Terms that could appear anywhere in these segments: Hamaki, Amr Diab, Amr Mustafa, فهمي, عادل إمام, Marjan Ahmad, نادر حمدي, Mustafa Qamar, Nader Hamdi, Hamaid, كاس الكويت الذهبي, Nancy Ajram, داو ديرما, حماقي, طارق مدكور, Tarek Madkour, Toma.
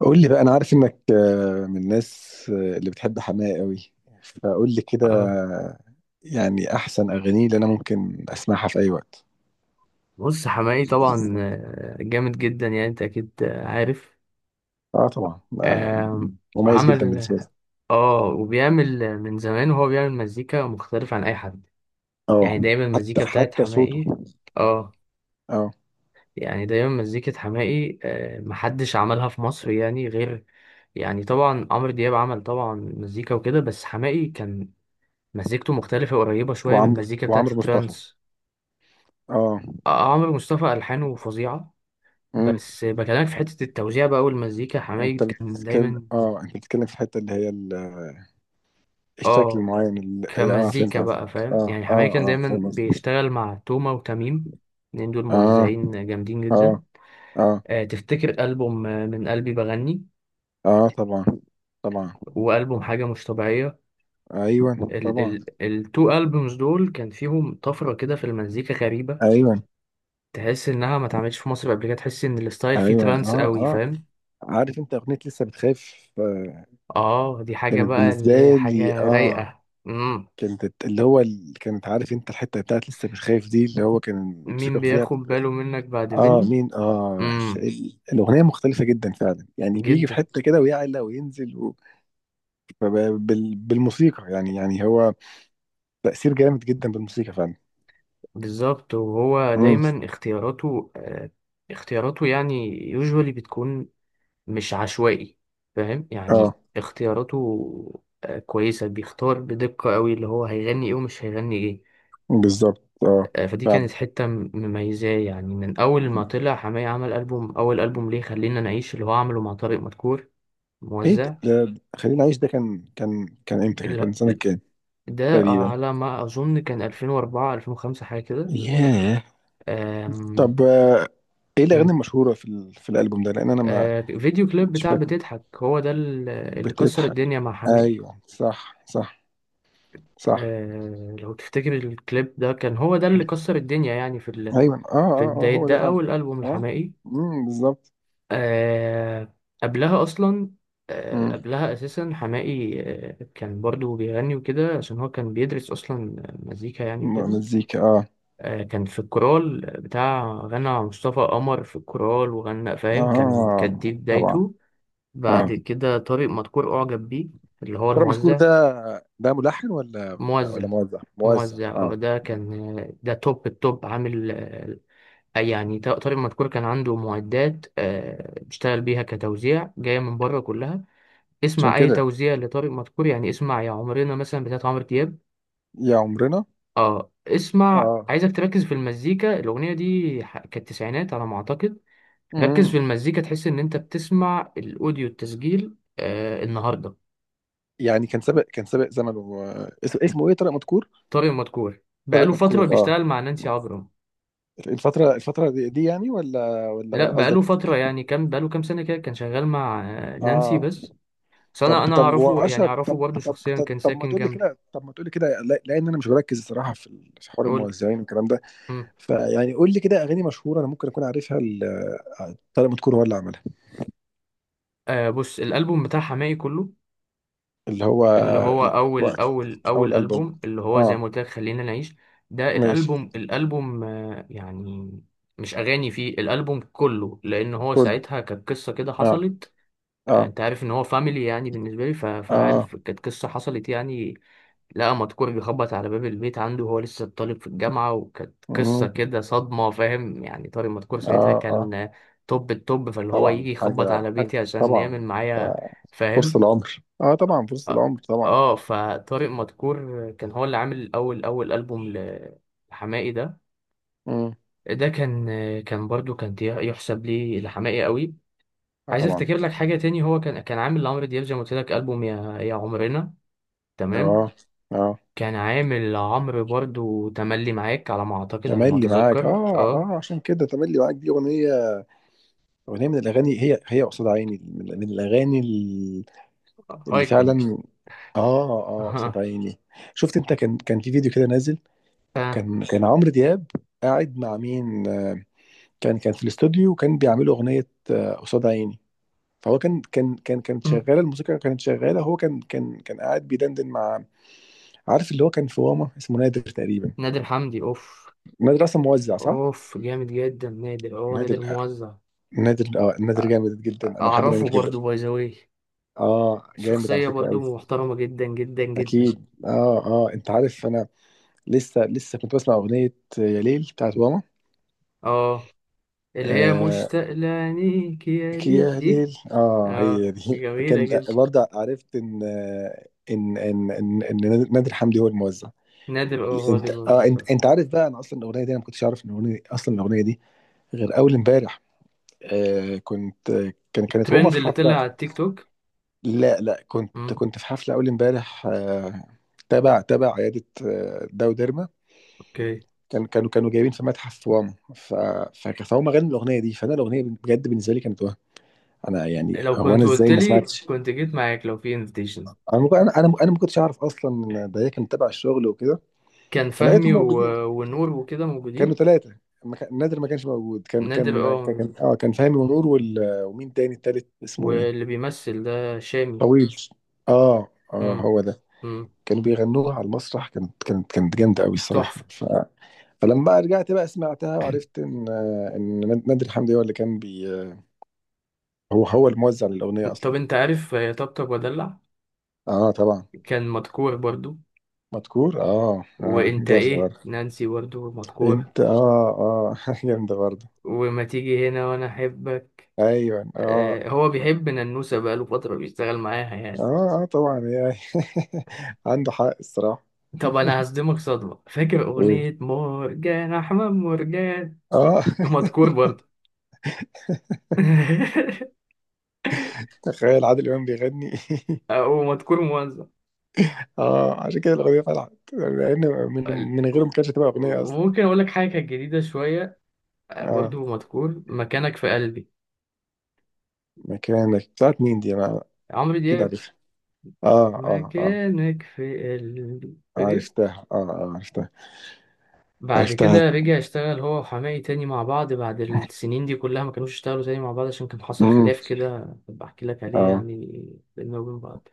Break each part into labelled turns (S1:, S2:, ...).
S1: قول لي بقى، انا عارف انك من الناس اللي بتحب حماقي قوي. فقول لي كده
S2: آه.
S1: آه، يعني احسن اغانيه اللي انا ممكن اسمعها في اي وقت.
S2: بص حماقي طبعا جامد جدا يعني انت اكيد عارف.
S1: اه، طبعا.
S2: آه،
S1: مميز جدا
S2: عمل.
S1: بالنسبه لي.
S2: اه وبيعمل من زمان وهو بيعمل مزيكا مختلف عن اي حد.
S1: اه،
S2: يعني دايما
S1: حتى
S2: المزيكا بتاعت
S1: حتى صوته.
S2: حماقي. اه.
S1: اه.
S2: يعني دايما مزيكة حماقي محدش عملها في مصر يعني غير. يعني طبعا عمرو دياب عمل طبعا مزيكا وكده، بس حماقي كان مزيكته مختلفة قريبة شوية من
S1: وعمرو
S2: المزيكا بتاعت
S1: وعمرو مصطفى.
S2: الترانس.
S1: اه.
S2: عمرو مصطفى ألحانه فظيعة.
S1: امم
S2: بس بكلمك في حتة التوزيع بقى والمزيكا،
S1: انت
S2: حمايد كان
S1: بتتكلم
S2: دايما.
S1: اه انت بتتكلم في الحته اللي هي الشكل
S2: اه،
S1: المعين، فهمت
S2: كمزيكا بقى،
S1: قصدك.
S2: فاهم يعني؟ حمايد كان
S1: اه
S2: دايما
S1: فاهم قصدك.
S2: بيشتغل مع توما وتميم، الاتنين دول
S1: اه،
S2: موزعين جامدين
S1: اه،
S2: جدا.
S1: اه،
S2: تفتكر ألبوم من قلبي بغني
S1: اه، طبعا، طبعا.
S2: وألبوم حاجة مش طبيعية؟
S1: ايوه،
S2: ال
S1: طبعا.
S2: ال التو ألبومز دول كان فيهم طفرة كده في المزيكا غريبة.
S1: ايوه،
S2: تحس إنها ما اتعملتش في مصر قبل كده، تحس إن الستايل فيه
S1: ايوه.
S2: ترانس
S1: اه،
S2: قوي،
S1: اه.
S2: فاهم؟
S1: عارف انت اغنيه لسه بتخاف.
S2: اه، دي حاجة
S1: كانت
S2: بقى
S1: بالنسبه
S2: اللي هي
S1: لي
S2: حاجة
S1: اه.
S2: رايقة.
S1: كانت كانت، عارف انت الحته بتاعت لسه بتخاف دي، اللي هو كان
S2: مين
S1: الموسيقى فيها.
S2: بياخد باله منك بعد
S1: اه،
S2: مني.
S1: مين؟ اه،
S2: امم
S1: الاغنيه مختلفه جدا فعلا، يعني بيجي في
S2: جدا.
S1: حته كده ويعلى وينزل. فب... بالموسيقى، يعني يعني هو تاثير جامد جدا بالموسيقى فعلا.
S2: بالظبط، وهو
S1: امم.
S2: دايما اختياراته اختياراته يعني يوجوالي بتكون مش عشوائي، فاهم
S1: اه،
S2: يعني؟ اختياراته كويسة، بيختار بدقة قوي اللي هو هيغني ايه ومش هيغني ايه.
S1: بالظبط. اه،
S2: فدي كانت
S1: فعلا.
S2: حتة مميزاه يعني. من اول ما طلع حماية، عمل ألبوم، اول ألبوم ليه خلينا نعيش اللي هو عمله مع طارق مدكور
S1: ايه ده؟
S2: موزع.
S1: ده خلينا نعيش ده كان امتى؟ كان
S2: اللي-
S1: سنه كام؟
S2: ده
S1: تقريبا.
S2: على ما اظن كان 2004 2005 حاجة كده.
S1: ياه.
S2: آم،
S1: طب، ايه الاغاني
S2: م،
S1: المشهوره في الالبوم ده؟ لان انا ما...
S2: فيديو كليب
S1: مش
S2: بتاع
S1: فاكر.
S2: بتضحك، هو ده اللي كسر
S1: بتضحك؟
S2: الدنيا مع حماقي.
S1: ايوه، صح، صح، صح.
S2: لو تفتكر الكليب ده كان هو ده اللي كسر الدنيا يعني،
S1: ايوه،
S2: في بداية
S1: هو ده
S2: ده،
S1: فعلا.
S2: أول ألبوم
S1: اه.
S2: لحماقي.
S1: امم، بالظبط.
S2: آه، قبلها أصلا،
S1: امم.
S2: قبلها أساسا حماقي كان برضو بيغني وكده، عشان هو كان بيدرس أصلا مزيكا يعني وكده.
S1: مزيكا. اه،
S2: كان في الكورال بتاع، غنى مع مصطفى قمر في الكورال وغنى، فاهم؟ كان كانت دي
S1: اه، طبعا.
S2: بدايته. بعد
S1: اه،
S2: كده طارق مدكور أعجب بيه، اللي هو
S1: ترى مشكور
S2: الموزع.
S1: ده، ده ملحن ولا ولا
S2: موزع،
S1: ولا موزع؟ موزع.
S2: اه
S1: اه،
S2: ده كان. ده توب التوب عامل. يعني طارق مدكور كان عنده معدات بيشتغل بيها كتوزيع، جاية من بره كلها.
S1: عشان
S2: اسمع أي
S1: كده.
S2: توزيع لطارق مدكور، يعني اسمع يا عمرنا مثلا بتاعت عمرو دياب.
S1: يا عمرنا.
S2: اه، اسمع.
S1: اه.
S2: عايزك تركز في المزيكا، الأغنية دي كانت تسعينات على ما أعتقد. ركز في
S1: امم.
S2: المزيكا، تحس إن أنت بتسمع الأوديو التسجيل النهاردة.
S1: يعني كان سابق، كان سابق زمنه، اسمه، اسمه ايه؟ طارق مدكور.
S2: طارق مدكور
S1: طارق
S2: بقاله
S1: مدكور.
S2: فترة
S1: اه،
S2: بيشتغل مع نانسي عجرم.
S1: الفترة، الفترة دي، دي يعني ولا ولا
S2: لا،
S1: ولا
S2: بقاله
S1: قصدك؟
S2: فترة، يعني كام، بقاله كام سنة كده، كان شغال مع نانسي
S1: اه،
S2: بس. بس أنا
S1: طب
S2: أنا
S1: طب
S2: أعرفه، يعني
S1: واشر،
S2: أعرفه
S1: طب
S2: برضه
S1: طب
S2: شخصيا،
S1: طب,
S2: كان
S1: طب ما
S2: ساكن
S1: تقول لي
S2: جنبي.
S1: كده، طب ما تقول لي كده. لان انا مش بركز الصراحة في حوار
S2: قول لي.
S1: الموزعين والكلام ده.
S2: مم.
S1: فيعني قول لي كده اغاني مشهورة انا ممكن اكون عارفها، طارق مدكور هو اللي عملها.
S2: بص الألبوم بتاع حماقي كله،
S1: اللي هو
S2: اللي هو أول
S1: الوقت،
S2: أول
S1: او
S2: أول
S1: الالبوم.
S2: ألبوم، اللي هو زي
S1: اه،
S2: ما قلت لك خلينا نعيش. ده
S1: ماشي.
S2: الألبوم، يعني مش أغاني فيه، الألبوم كله، لأن هو
S1: كله.
S2: ساعتها كانت قصة كده
S1: اه،
S2: حصلت.
S1: اه،
S2: انت عارف ان هو فاميلي يعني بالنسبه لي، فانا
S1: اه.
S2: عارف كانت قصه حصلت يعني. لقى مدكور بيخبط على باب البيت عنده، وهو لسه طالب في الجامعة، وكانت قصة
S1: مم.
S2: كده صدمة، فاهم يعني؟ طارق مدكور ساعتها
S1: اه، اه،
S2: كان توب التوب، فاللي هو
S1: طبعا.
S2: يجي يخبط
S1: حاجة،
S2: على
S1: حاجة
S2: بيتي عشان يعمل
S1: طبعا
S2: معايا،
S1: آه، فرصة
S2: فاهم.
S1: العمر. اه، طبعا فرصة
S2: اه
S1: العمر طبعا.
S2: فطارق مدكور كان هو اللي عامل أول ألبوم لحماقي ده.
S1: مم.
S2: ده كان كان برضو كان يحسب لي لحماقي قوي.
S1: اه،
S2: عايز
S1: طبعا.
S2: افتكر لك حاجة تاني، هو كان عامل لعمرو دياب زي ما قلت لك ألبوم يا عمرنا، تمام.
S1: اه، اه،
S2: كان عامل عمرو برضو تملي معاك على ما اعتقد، على ما
S1: تملي معاك.
S2: اتذكر.
S1: اه،
S2: اه
S1: اه، عشان كده تملي معاك دي اغنيه. اغنيه من الاغاني هي، هي قصاد عيني، من من الاغاني، اللي
S2: ايكون.
S1: فعلا. اه، اه، قصاد
S2: اها.
S1: عيني. شفت انت؟ كان، كان في فيديو كده نازل.
S2: ف
S1: كان كان عمرو دياب قاعد مع مين؟ كان كان في الاستوديو، وكان بيعملوا اغنيه، قصاد عيني. فهو كانت
S2: مم.
S1: شغاله الموسيقى، كانت شغاله. هو كان كان كان قاعد بيدندن مع... عارف اللي هو كان في واما اسمه نادر تقريبا.
S2: نادر حمدي، اوف.
S1: نادر اصلا موزع صح؟
S2: اوف جامد جدا نادر،
S1: نادر.
S2: نادر موزع.
S1: نادر، اه، نادر
S2: أ-
S1: جامد جدا، انا بحب
S2: اعرفه
S1: نادر جدا.
S2: برضو، باي ذا واي.
S1: اه، جامد على
S2: شخصية
S1: فكره قوي.
S2: برضو محترمة جدا جدا جدا.
S1: اكيد. اه، اه، انت عارف انا لسه، لسه كنت بسمع اغنيه يا ليل بتاعت ماما.
S2: اه، اللي هي
S1: آه،
S2: مشتاق لعينيك يا
S1: لك
S2: ليل
S1: يا
S2: دي.
S1: ليل. اه،
S2: اه،
S1: هي دي
S2: جميلة
S1: كان.
S2: جدا.
S1: برضه عرفت إن نادر حمدي هو الموزع.
S2: نادر، هو اللي
S1: انت، اه،
S2: بيوزع. فعلا.
S1: انت انت عارف بقى انا اصلا الاغنيه دي، انا ما كنتش اعرف ان الاغنيه اصلا الاغنيه دي غير اول امبارح. آه، كنت، كان كانت هما
S2: الترند
S1: في
S2: اللي طلع
S1: حفله.
S2: على التيك توك.
S1: لا، لا، كنت،
S2: مم.
S1: كنت في حفلة أول امبارح، تبع تبع عيادة داو ديرما.
S2: اوكي.
S1: كان كانوا، كانوا جايبين في متحف واما. ف... فهم غنوا الأغنية دي، فأنا الأغنية بجد بالنسبة لي كانت وهم. أنا يعني
S2: لو
S1: هو، أنا
S2: كنت قلت
S1: إزاي ما
S2: لي
S1: سمعتش؟
S2: كنت جيت معاك لو في انفيتيشن.
S1: أنا أنا أنا ما كنتش أعرف أصلا إن ده هي كانت تبع الشغل وكده.
S2: كان فهمي
S1: فلقيتهم موجودين.
S2: ونور وكده
S1: كانوا
S2: موجودين.
S1: ثلاثة. ما كان- نادر ما كانش موجود. كان،
S2: نادر موجود.
S1: كان فهمي ونور ومين تاني التالت اسمه ايه؟
S2: واللي بيمثل ده شامي.
S1: طويل. اه، اه،
S2: امم
S1: هو ده.
S2: امم
S1: كانوا بيغنوها على المسرح، كانت كانت كانت جامده قوي الصراحه.
S2: تحفة.
S1: ف... فلما بقى رجعت بقى سمعتها وعرفت ان، ان نادر حمدي هو اللي كان بي... هو، هو الموزع للاغنيه
S2: طب
S1: اصلا.
S2: انت عارف طبطب ودلع؟
S1: اه، طبعا.
S2: كان مدكور برضو.
S1: مذكور، اه، اه،
S2: وانت
S1: جامده
S2: ايه،
S1: برضه.
S2: نانسي برضو مدكور.
S1: انت، اه، اه جامده برضه.
S2: وما تيجي هنا، وانا احبك.
S1: ايوه، اه،
S2: هو بيحب ننوسة، بقاله فترة بيشتغل معاها يعني.
S1: اه، اه، طبعا يعني عنده حق الصراحه.
S2: طب انا هصدمك صدمة، فاكر
S1: إيه.
S2: اغنية مرجان احمد مرجان؟
S1: اه
S2: مدكور برضو.
S1: تخيل عادل امام بيغني
S2: او مدكون موزع.
S1: اه، عشان كده الاغنيه طلعت، لان من،
S2: ال-
S1: من غيره ما كانتش هتبقى اغنيه اصلا.
S2: وممكن اقول لك حاجه كانت جديده شويه،
S1: اه.
S2: برضو مدكون، مكانك في قلبي.
S1: مكانك بتاعت مين دي؟ انا
S2: عمرو
S1: اكيد
S2: دياب.
S1: عارفها. اه، اه، اه،
S2: مكانك في قلبي، فاكر؟
S1: عرفتها. اه، اه، عرفتها.
S2: بعد
S1: عرفتها.
S2: كده رجع اشتغل هو وحماقي تاني مع بعض، بعد السنين دي كلها ما كانوش اشتغلوا تاني مع بعض، عشان كان حصل
S1: امم.
S2: خلاف كده، بحكي لك عليه
S1: اه.
S2: يعني بيننا وبين بعض.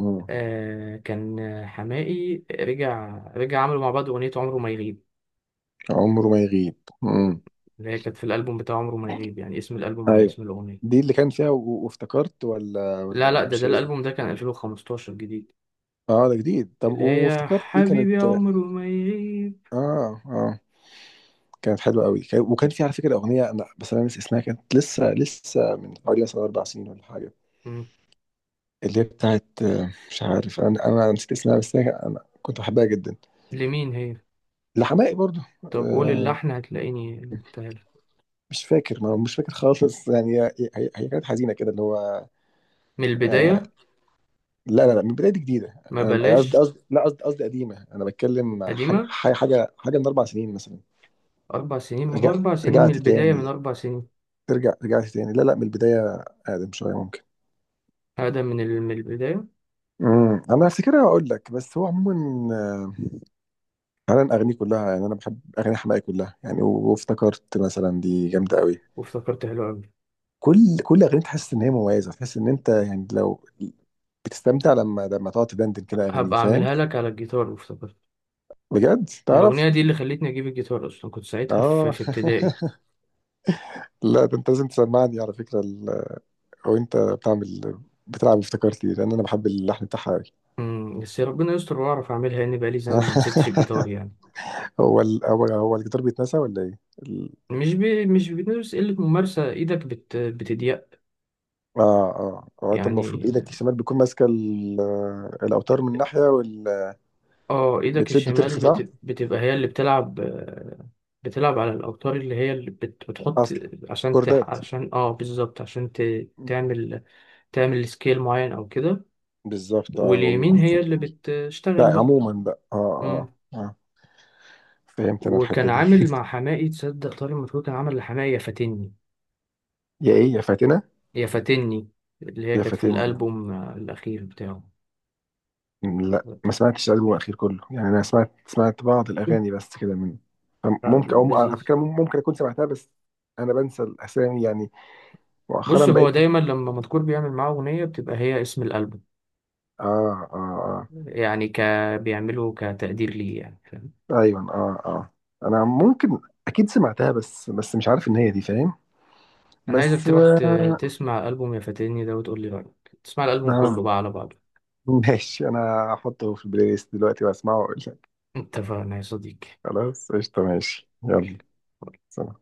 S1: امم،
S2: كان حماقي رجع، عملوا مع بعض اغنيه عمره ما يغيب،
S1: عمره ما يغيب. امم.
S2: اللي هي كانت في الالبوم بتاع عمره ما يغيب، يعني اسم الالبوم على
S1: ايوه
S2: اسم الاغنيه.
S1: دي اللي كان فيها، وافتكرت، ولا
S2: لا
S1: ولا
S2: لا،
S1: ولا
S2: ده
S1: مش هي؟
S2: الالبوم ده كان 2015 جديد.
S1: اه، ده جديد. طب
S2: اللي هي
S1: وافتكرت دي كانت.
S2: حبيبي يا عمر وما يغيب.
S1: اه، اه، كانت حلوه قوي. وكان في على فكره اغنيه انا، بس انا ناسي اسمها. كانت لسه، لسه من حوالي مثلا 4 سنين ولا حاجه.
S2: مم.
S1: اللي هي بتاعت، مش عارف انا، انا نسيت اسمها. بس انا كنت بحبها جدا.
S2: لمين هي؟
S1: لحماقي برضو.
S2: طب قول
S1: آه،
S2: اللحن، هتلاقيني، قلتها لك.
S1: مش فاكر، ما مش فاكر خالص يعني. هي، هي كانت حزينه كده اللي هو
S2: من
S1: آه،
S2: البداية.
S1: لا، لا، لا، من بدايه جديده.
S2: ما
S1: انا، أنا قصدي،
S2: بلاش.
S1: قصدي لا، قصدي، قصدي قديمه. انا بتكلم حاجه،
S2: قديمة.
S1: حاجه، حاجه، حاجة من 4 سنين مثلا.
S2: أربع سنين؟ ما هو
S1: رجع،
S2: أربع سنين من
S1: رجعت
S2: البداية، من
S1: تاني.
S2: أربع سنين.
S1: ترجع، رجعت تاني. لا، لا، من البدايه اقدم شويه ممكن.
S2: هذا من البداية.
S1: امم. انا هفتكرها واقول لك. بس هو عموما، انا اغانيه كلها يعني، انا بحب اغاني حماقي كلها يعني. وافتكرت مثلا دي جامده قوي.
S2: وافتكرت حلو أوي.
S1: كل كل اغنيه تحس ان هي مميزه. تحس ان انت يعني، لو بتستمتع لما، لما تقعد تدندن كده اغانيه،
S2: هبقى
S1: فاهم.
S2: أعملها لك على الجيتار وافتكرت.
S1: بجد
S2: الأغنية
S1: تعرف.
S2: دي اللي خلتني أجيب الجيتار أصلا، كنت ساعتها
S1: اه
S2: في ابتدائي.
S1: لا، ده انت لازم تسمعني على فكره ال... او انت بتعمل. بتلعب افتكرتي لان انا بحب اللحن بتاعها قوي
S2: مم. بس ربنا يستر وأعرف أعملها، لأن بقالي زمان ما مسكتش الجيتار يعني.
S1: هو ال... هو هو الجيتار بيتنسى ولا ايه ال...؟
S2: مش بتدرس، قلة ممارسة، ايدك بتضيق
S1: اه، اه، هو انت المفروض
S2: يعني.
S1: ايدك الشمال بتكون ماسكه ال... الاوتار من ناحيه وال...
S2: اه، ايدك
S1: بتشد
S2: الشمال
S1: وترخي صح.
S2: بتبقى هي اللي بتلعب، بتلعب على الأوتار اللي هي اللي بتحط،
S1: اصلا
S2: عشان
S1: كوردات.
S2: عشان بالظبط، عشان ت... تعمل تعمل سكيل معين او كده.
S1: بالظبط اه.
S2: واليمين هي اللي بتشتغل
S1: لا،
S2: بقى.
S1: عموما بقى، اه،
S2: مم.
S1: اه، آه. فهمت انا
S2: وكان
S1: الحته دي
S2: عامل مع حماقي، تصدق طارق مدحور كان عامل لحماقي يا فاتني؟
S1: يا ايه؟ يا فاتنه؟
S2: يا فاتني اللي هي
S1: يا
S2: كانت في
S1: فاتن.
S2: الألبوم الأخير بتاعه.
S1: لا، ما سمعتش الالبوم الاخير كله يعني، انا سمعت، سمعت بعض الاغاني بس كده من ممكن، او على
S2: لذيذ.
S1: فكره ممكن اكون سمعتها بس. انا بنسى الاسامي يعني، مؤخرا
S2: بص،
S1: بقيت.
S2: هو دايما لما مذكور بيعمل معاه أغنية، بتبقى هي اسم الألبوم،
S1: اه، اه،
S2: يعني بيعمله كتقدير ليه يعني، فاهم؟
S1: اه. ايوه، اه، اه. انا ممكن اكيد سمعتها بس، بس مش عارف ان هي دي فاهم.
S2: أنا عايزك
S1: بس
S2: تروح
S1: آه.
S2: تسمع ألبوم يا فاتني ده وتقول لي رأيك، تسمع الألبوم
S1: آه،
S2: كله بقى على بعضه.
S1: ماشي. انا هحطه في البلاي ليست دلوقتي واسمعه واقول لك.
S2: اتفقنا يا صديقي.
S1: خلاص قشطه ماشي يلا.
S2: قول.
S1: سلام.